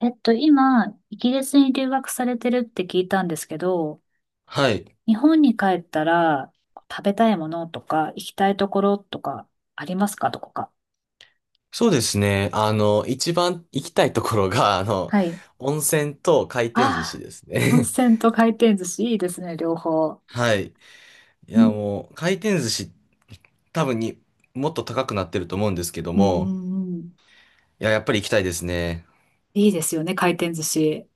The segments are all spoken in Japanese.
今、イギリスに留学されてるって聞いたんですけど、はい。日本に帰ったら食べたいものとか行きたいところとかありますかどこか。そうですね。一番行きたいところが、はい。温泉と回転寿司ああ、です温ね。泉と回転寿司いいですね、両方。はい。いうや、ん。もう、回転寿司、多分に、もっと高くなってると思うんですけどうんうも、んうん。いや、やっぱり行きたいですね。いいですよね、回転寿司。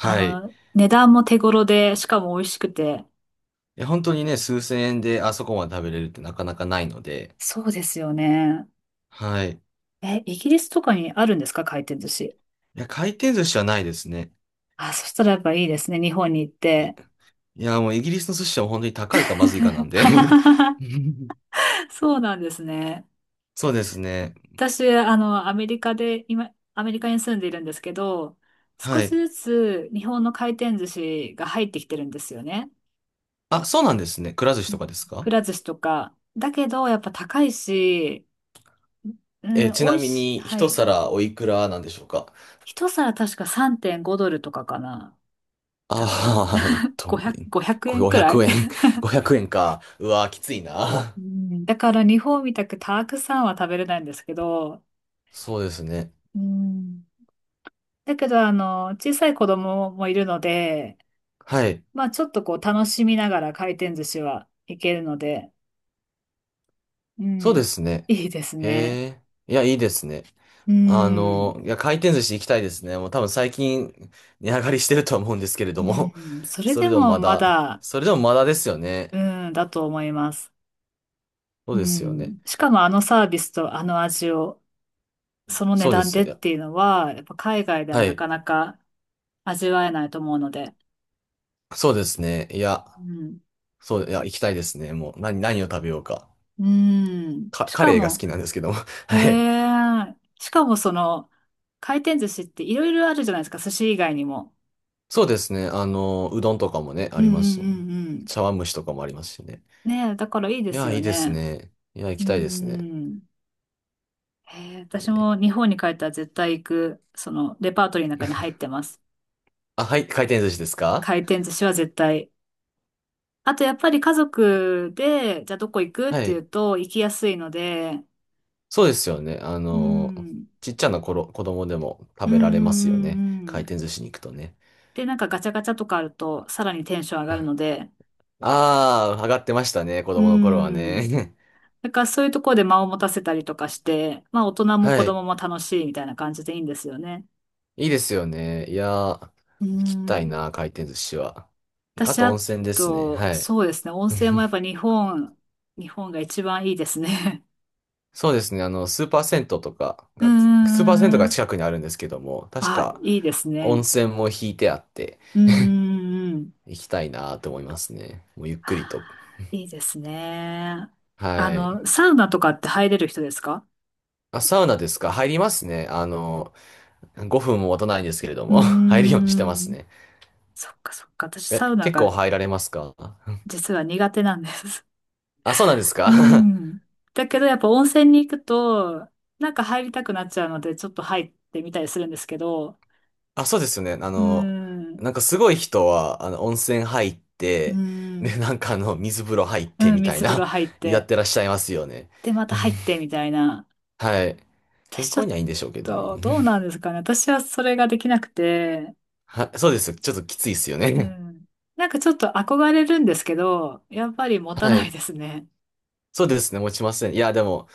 あい。いの、値段も手頃で、しかも美味しくて。や、本当にね、数千円であそこまで食べれるってなかなかないので、そうですよね。はい。いえ、イギリスとかにあるんですか回転寿司。や、回転寿司はないですね。あ、そしたらやっぱいいですね、日本に行っい、いて。や、もうイギリスの寿司は本当に高いかまずいかなんで。そうなんですね。そうですね。私、あの、アメリカで、今、アメリカに住んでいるんですけど、少はしい。ずつ日本の回転寿司が入ってきてるんですよね。あ、そうなんですね。くら寿司うんとかですくか？ら寿司とか。だけど、やっぱ高いし、うん、ち美な味みしい。に、は一い。皿おいくらなんでしょうか？一皿確か3.5ドルとかかな。だかあら、あー、500、5円くえんく500らい円。500円か。うわー、きついな。うんだから日本みたくたくさんは食べれないんですけど、そうですね。うんだけど、あの、小さい子供もいるので、はい。まあちょっとこう楽しみながら回転寿司はいけるので、うそうん、ですね。いいですね。へえ。いや、いいですね。うん、いや、回転寿司行きたいですね。もう多分最近、値上がりしてるとは思うんですけれどうも。ん、それそでれでももままだ、だ、それでもまだですよね。うん、だと思います。そううですよね。ん、しかもあのサービスとあの味を、その値そうで段すでよ。っいやていうのは、やっぱ海外でははない。かなか味わえないと思うので、そうですね。いや、うん、そう、いや、行きたいですね。もう、何を食べようか。うん、か、しカかレーが好も、きなんですけども。へはい。え、しかもその、回転寿司っていろいろあるじゃないですか、寿司以外にも。そうですね。うどんとかもね、あうんりうんますし、うん茶碗蒸しとかもありますしね。ねえ、だからいいでいすや、よいいですね。ね。いや、行うきーたいですね。ん。へえ、え私もー 日本に帰ったら絶対行く、そのレパートリーの中に入って ます。あ、はい、回転寿司ですか？回転寿司は絶対。あとやっぱり家族で、じゃあどこ行くっはていうい。と行きやすいので、そうですよね。うん。ちっちゃな頃、子供でもう食んうべられますよんうね。んう回ん。転寿司に行くとね。で、なんかガチャガチャとかあるとさらにテンション上 がるあので、あ、上がってましたね、子う供の頃はん。ね。だからそういうところで間を持たせたりとかして、まあ大人 も子はい。供も楽しいみたいな感じでいいんですよね。いいですよね。いやー、行うきたいん。な、回転寿司は。あ私、と温あ泉ですね。と、はい。そうですね。温泉もやっぱ 日本、日本が一番いいですね。そうですね。うスーパー銭湯んがん近くにあるんですけども、確あ、かいいです温ね。泉も引いてあってうんうんうん。行きたいなと思いますね。もうゆっくりと。いいですね。あはい。の、サウナとかって入れる人ですかあ、サウナですか？入りますね。5分も待たないんですけれどうーも、入るようにしてますん。ね。そっかそっか。私、え、サウナ結構が入られますか？実は苦手なんです。あ、そうなんですうか？ ん。だけど、やっぱ温泉に行くと、なんか入りたくなっちゃうので、ちょっと入ってみたりするんですけど、あ、そうですよね。うーん。なんかすごい人は、温泉入っうーて、で、ん。なんか水風呂入ってうん、みたい水風呂な、入っやって、てらっしゃいますよね。で、また入っ て、みたいな。はい。健私ちょ康っにはいいんでしょうけどね。と、どうなん ですかね。私はそれができなくて、はそうです。ちょっときついですようね。ん。なんかちょっと憧れるんですけど、やっぱり持 たはないい。ですね。そうですね。持ちません。いや、でも、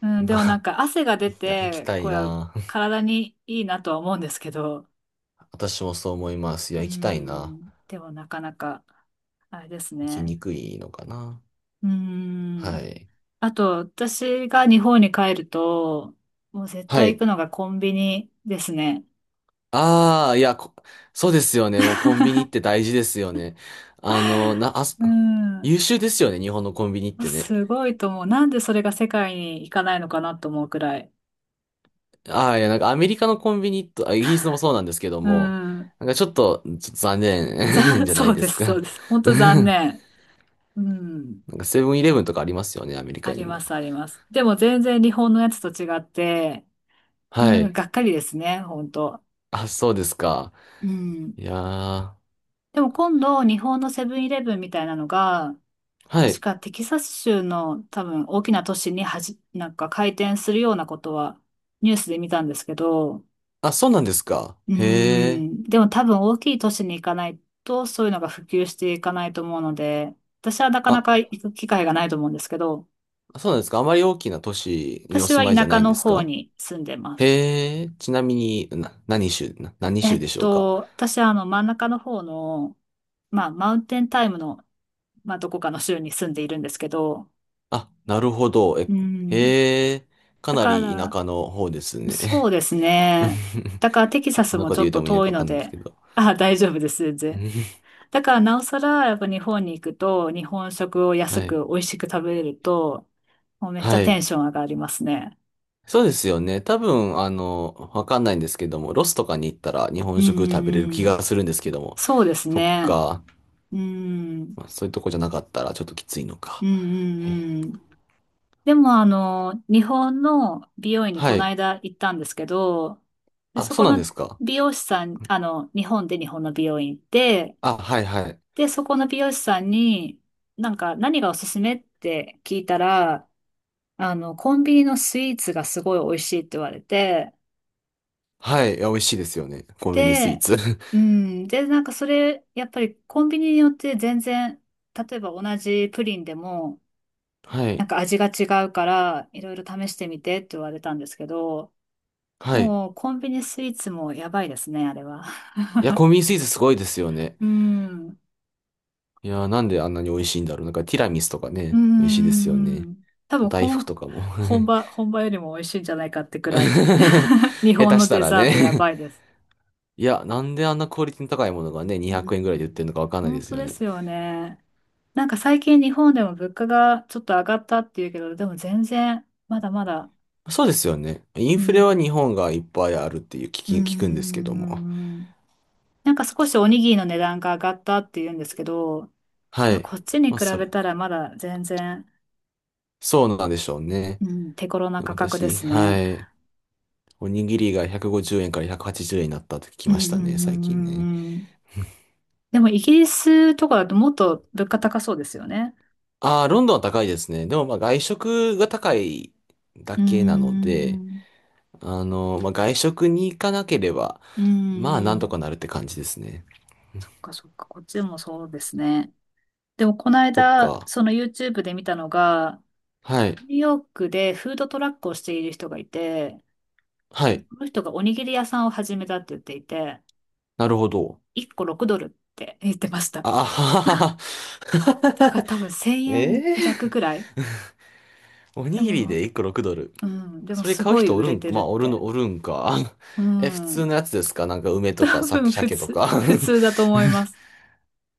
うん、でまもなんあ、か汗が出いや、行きて、たこいう、な。体にいいなとは思うんですけど、私もそう思います。いうや、行きたいな。ん、でもなかなか、あれです行きね。にくいのかな。うはん。い。あと、私が日本に帰ると、もう絶は対行い。くのがコンビニですね。ああ、いや、こそうですよね。もうコンビニって大事ですよね。あの、な、あ、うん。優秀ですよね。日本のコンビニってね。すごいと思う。なんでそれが世界に行かないのかなと思うくらい。ああ、いや、なんかアメリカのコンビニと、あ、イギリスのもそうなんですけどうも、ん。なんかちょっと残念 じゃなそいうでですす、そか。うです。本当残 念。うん。なんかセブンイレブンとかありますよね、アメリあカにりまも。す、あります。でも全然日本のやつと違って、うはん、い。がっかりですね、本当。あ、そうですか。うん。いやー。でも今度、日本のセブンイレブンみたいなのが、は確い。かテキサス州の多分大きな都市になんか開店するようなことはニュースで見たんですけど、あ、そうなんですか。うへえ。ん。でも多分大きい都市に行かないと、そういうのが普及していかないと思うので、私はなかなあ、か行く機会がないと思うんですけど、そうなんですか。あまり大きな都市にお私住はまいじゃ田舎ないんのです方か？に住んでます。へえ。ちなみに、な、何州、な、何え州っでしょうか。と、私はあの真ん中の方の、まあ、マウンテンタイムの、まあ、どこかの州に住んでいるんですけど、あ、なるほど。え、うん。へえ。かだなかり田ら、舎の方ですね。そうです ね。だからテキサこスんなもことちょ言うってともいいの遠かいわのかんないんですで、けど。あ、大丈夫です、全う然。んだからなおさら、やっぱ日本に行くと、日本食を安はい。く美味しく食べれると、もうめっちゃはテい。ンション上がりますね。そうですよね。多分、わかんないんですけども、ロスとかに行ったら日う本食食べれるんう気んがするんですけども、そうですそっね。か。うん。うん。まあ、そういうとこじゃなかったらちょっときついのうか。んうえんうんうんでも、あの、日本の美容院にこはのい。間行ったんですけど、で、あ、そそうこなんでのすか。美容師さん、あの、日本で日本の美容院行って、あ、はいはい。で、そこの美容師さんに、なんか何がおすすめって聞いたら、あの、コンビニのスイーツがすごい美味しいって言われて、はい。いや、美味しいですよね。コンビニスイーで、ツ。う ん、で、なんかそれ、やっぱりコンビニによって全然、例えば同じプリンでも、はなんい。か味が違うから、いろいろ試してみてって言われたんですけど、はい。もうコンビニスイーツもやばいですね、あれは。いや、コンビニスイーツすごいですよね。うん、いや、なんであんなに美味しいんだろう。なんかティラミスとかうね、美味しいですよね。ん、多あと分大福本、とかも。本 場、本場よりも美味しいんじゃないかってくらい。日下本手のしたデらザートやね。ばいです。いや、なんであんなクオリティの高いものがね、う200円ぐらいで売ってるん、のかわかんないで本す当よでね。すよね。なんか最近日本でも物価がちょっと上がったっていうけど、でも全然まだまだ、そうですよね。インうフレは日ん、本がいっぱいあるっていう聞うーき、聞くんですけども。ん、なんかたく少さしんおある。にぎりの値段が上がったっていうんですけど、はまあ、い。こっちに比まあ、そべれ。たらまだ全然、そうなんでしょうね。うん、手頃なで価格で私、すはね。い。おにぎりが150円から180円になったって聞きうん、うまん、したうね、最近んうね。んうんでもイギリスとかだともっと物価高そうですよね。ああ、ロンドンは高いですね。でもまあ外食が高いだうーけなので、ん、まあ、外食に行かなければ、うん、まあ、うなんとんかなるって感じですね。そっかそっか、こっちもそうですね。でもこのそっ間、か。その YouTube で見たのが、はい。ニューヨークでフードトラックをしている人がいて、はい。その人がおにぎり屋さんを始めたって言っていて、なるほど。1個6ドルって言ってました。あははは。だから多分1000円 弱ええ。くらい。おでにぎりも、で1個6ドル。うん、でもそれす買うごい人お売るれん、てるまっあ、おるの、て。おるんか。う え、普通ん、のやつですか？なんか梅と多か、さ、分普鮭と通、か。普通だと思います。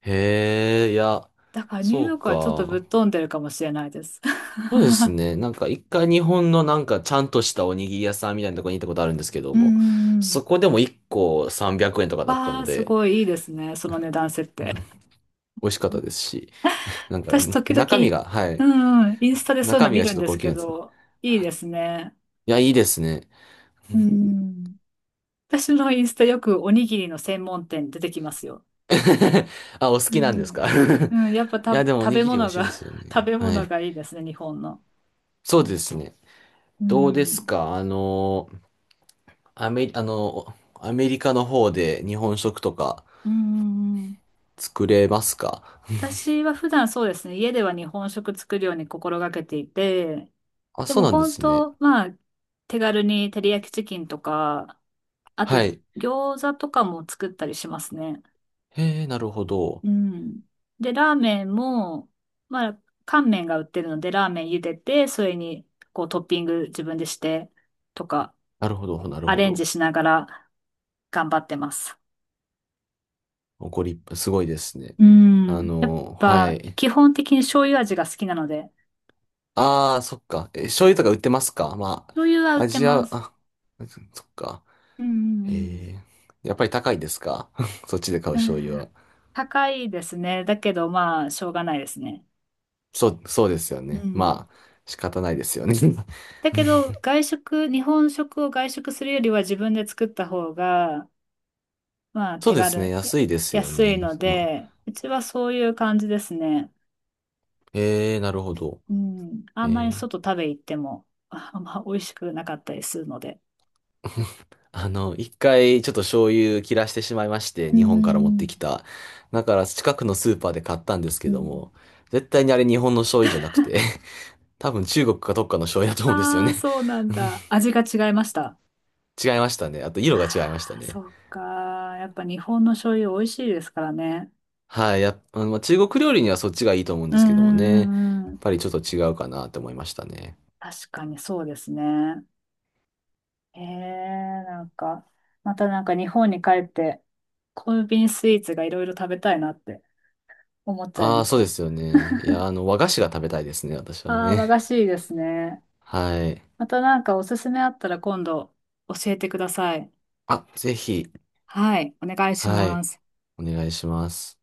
へえ、いや、だからニューそヨーうクはちょっとぶか。っ飛んでるかもしれないです。そうですね。なんか一回日本のなんかちゃんとしたおにぎり屋さんみたいなところに行ったことあるんですけ どうんうも、んうん。そこでも一個300円とかだったわのあ、すで、ごいいいですね、その値段設定。美味しかったですし、なんか私時々、中身が、はうい。んうん、インスタでそういうの中身見がちるょっんとで高す級けなんですね。ど、いいですね。いや、いいですね。うん。私のインスタよくおにぎりの専門店出てきますよ。あ、お好うきなんですん。か？ いうん、やっぱた、や、でもお食にべぎり美物味しが いですよ 食ね。べは物い。がいいですね、日本の。そうですね。うどうですん。か？アメリカの方で日本食とかうんうんうん作れますか？私は普段そうですね、家では日本食作るように心がけていて、あ、でそうもなんで本すね。当、まあ、手軽に照り焼きチキンとか、あとはい。餃子とかも作ったりしますね。へえ、なるほど。うん。で、ラーメンも、まあ、乾麺が売ってるので、ラーメン茹でて、それに、こう、トッピング自分でして、とか、なるほど、なるアほレンジど。しながら頑張ってます。ご立派、すごいですね。うん。やっはぱ、い。基本的に醤油味が好きなので、ああ、そっか。え、醤油とか売ってますか？ま醤油は売あ、っアてジまア、す。あ、そっか。うんうんええ、やっぱり高いですか？ そっちで買うう醤ん。油うんは。高いですね。だけど、まあ、しょうがないですね。そうですようね。ん。まあ、仕方ないですよね。だけど、外食、日本食を外食するよりは自分で作った方が、まあ、そ手うですね。軽、安いですよ安いね。のまあ、で、うちはそういう感じですね。ええ、なるほど。うん。あんまりええ 外食べ行っても、ああんま美味しくなかったりするので。一回ちょっと醤油切らしてしまいまして、う日本から持っん。てきた。だから近くのスーパーで買ったんですうけどん。も、絶対にあれ日本の醤油じゃなくて、多分中国かどっかの醤油だと思うんですよああ、ね。そうなんだ。味が違いました。違いましたね。あと色が違いましあたあ、ね。そっか。やっぱ日本の醤油美味しいですからね。はい。やっ、あのまあ、中国料理にはそっちがいいと思うんうでんすけどもね。やっうんうんうん。ぱりちょっと違うかなって思いましたね。確かにそうですね。ええ、なんか、またなんか日本に帰って、コンビニスイーツがいろいろ食べたいなって思っちゃいあまあ、しそうでた。すよね。い や、和菓子が食べたいですね、私はああ、和菓ね。子いいですね。はい。またなんかおすすめあったら今度教えてください。あ、ぜひ、はい、お願いしはまい。す。お願いします。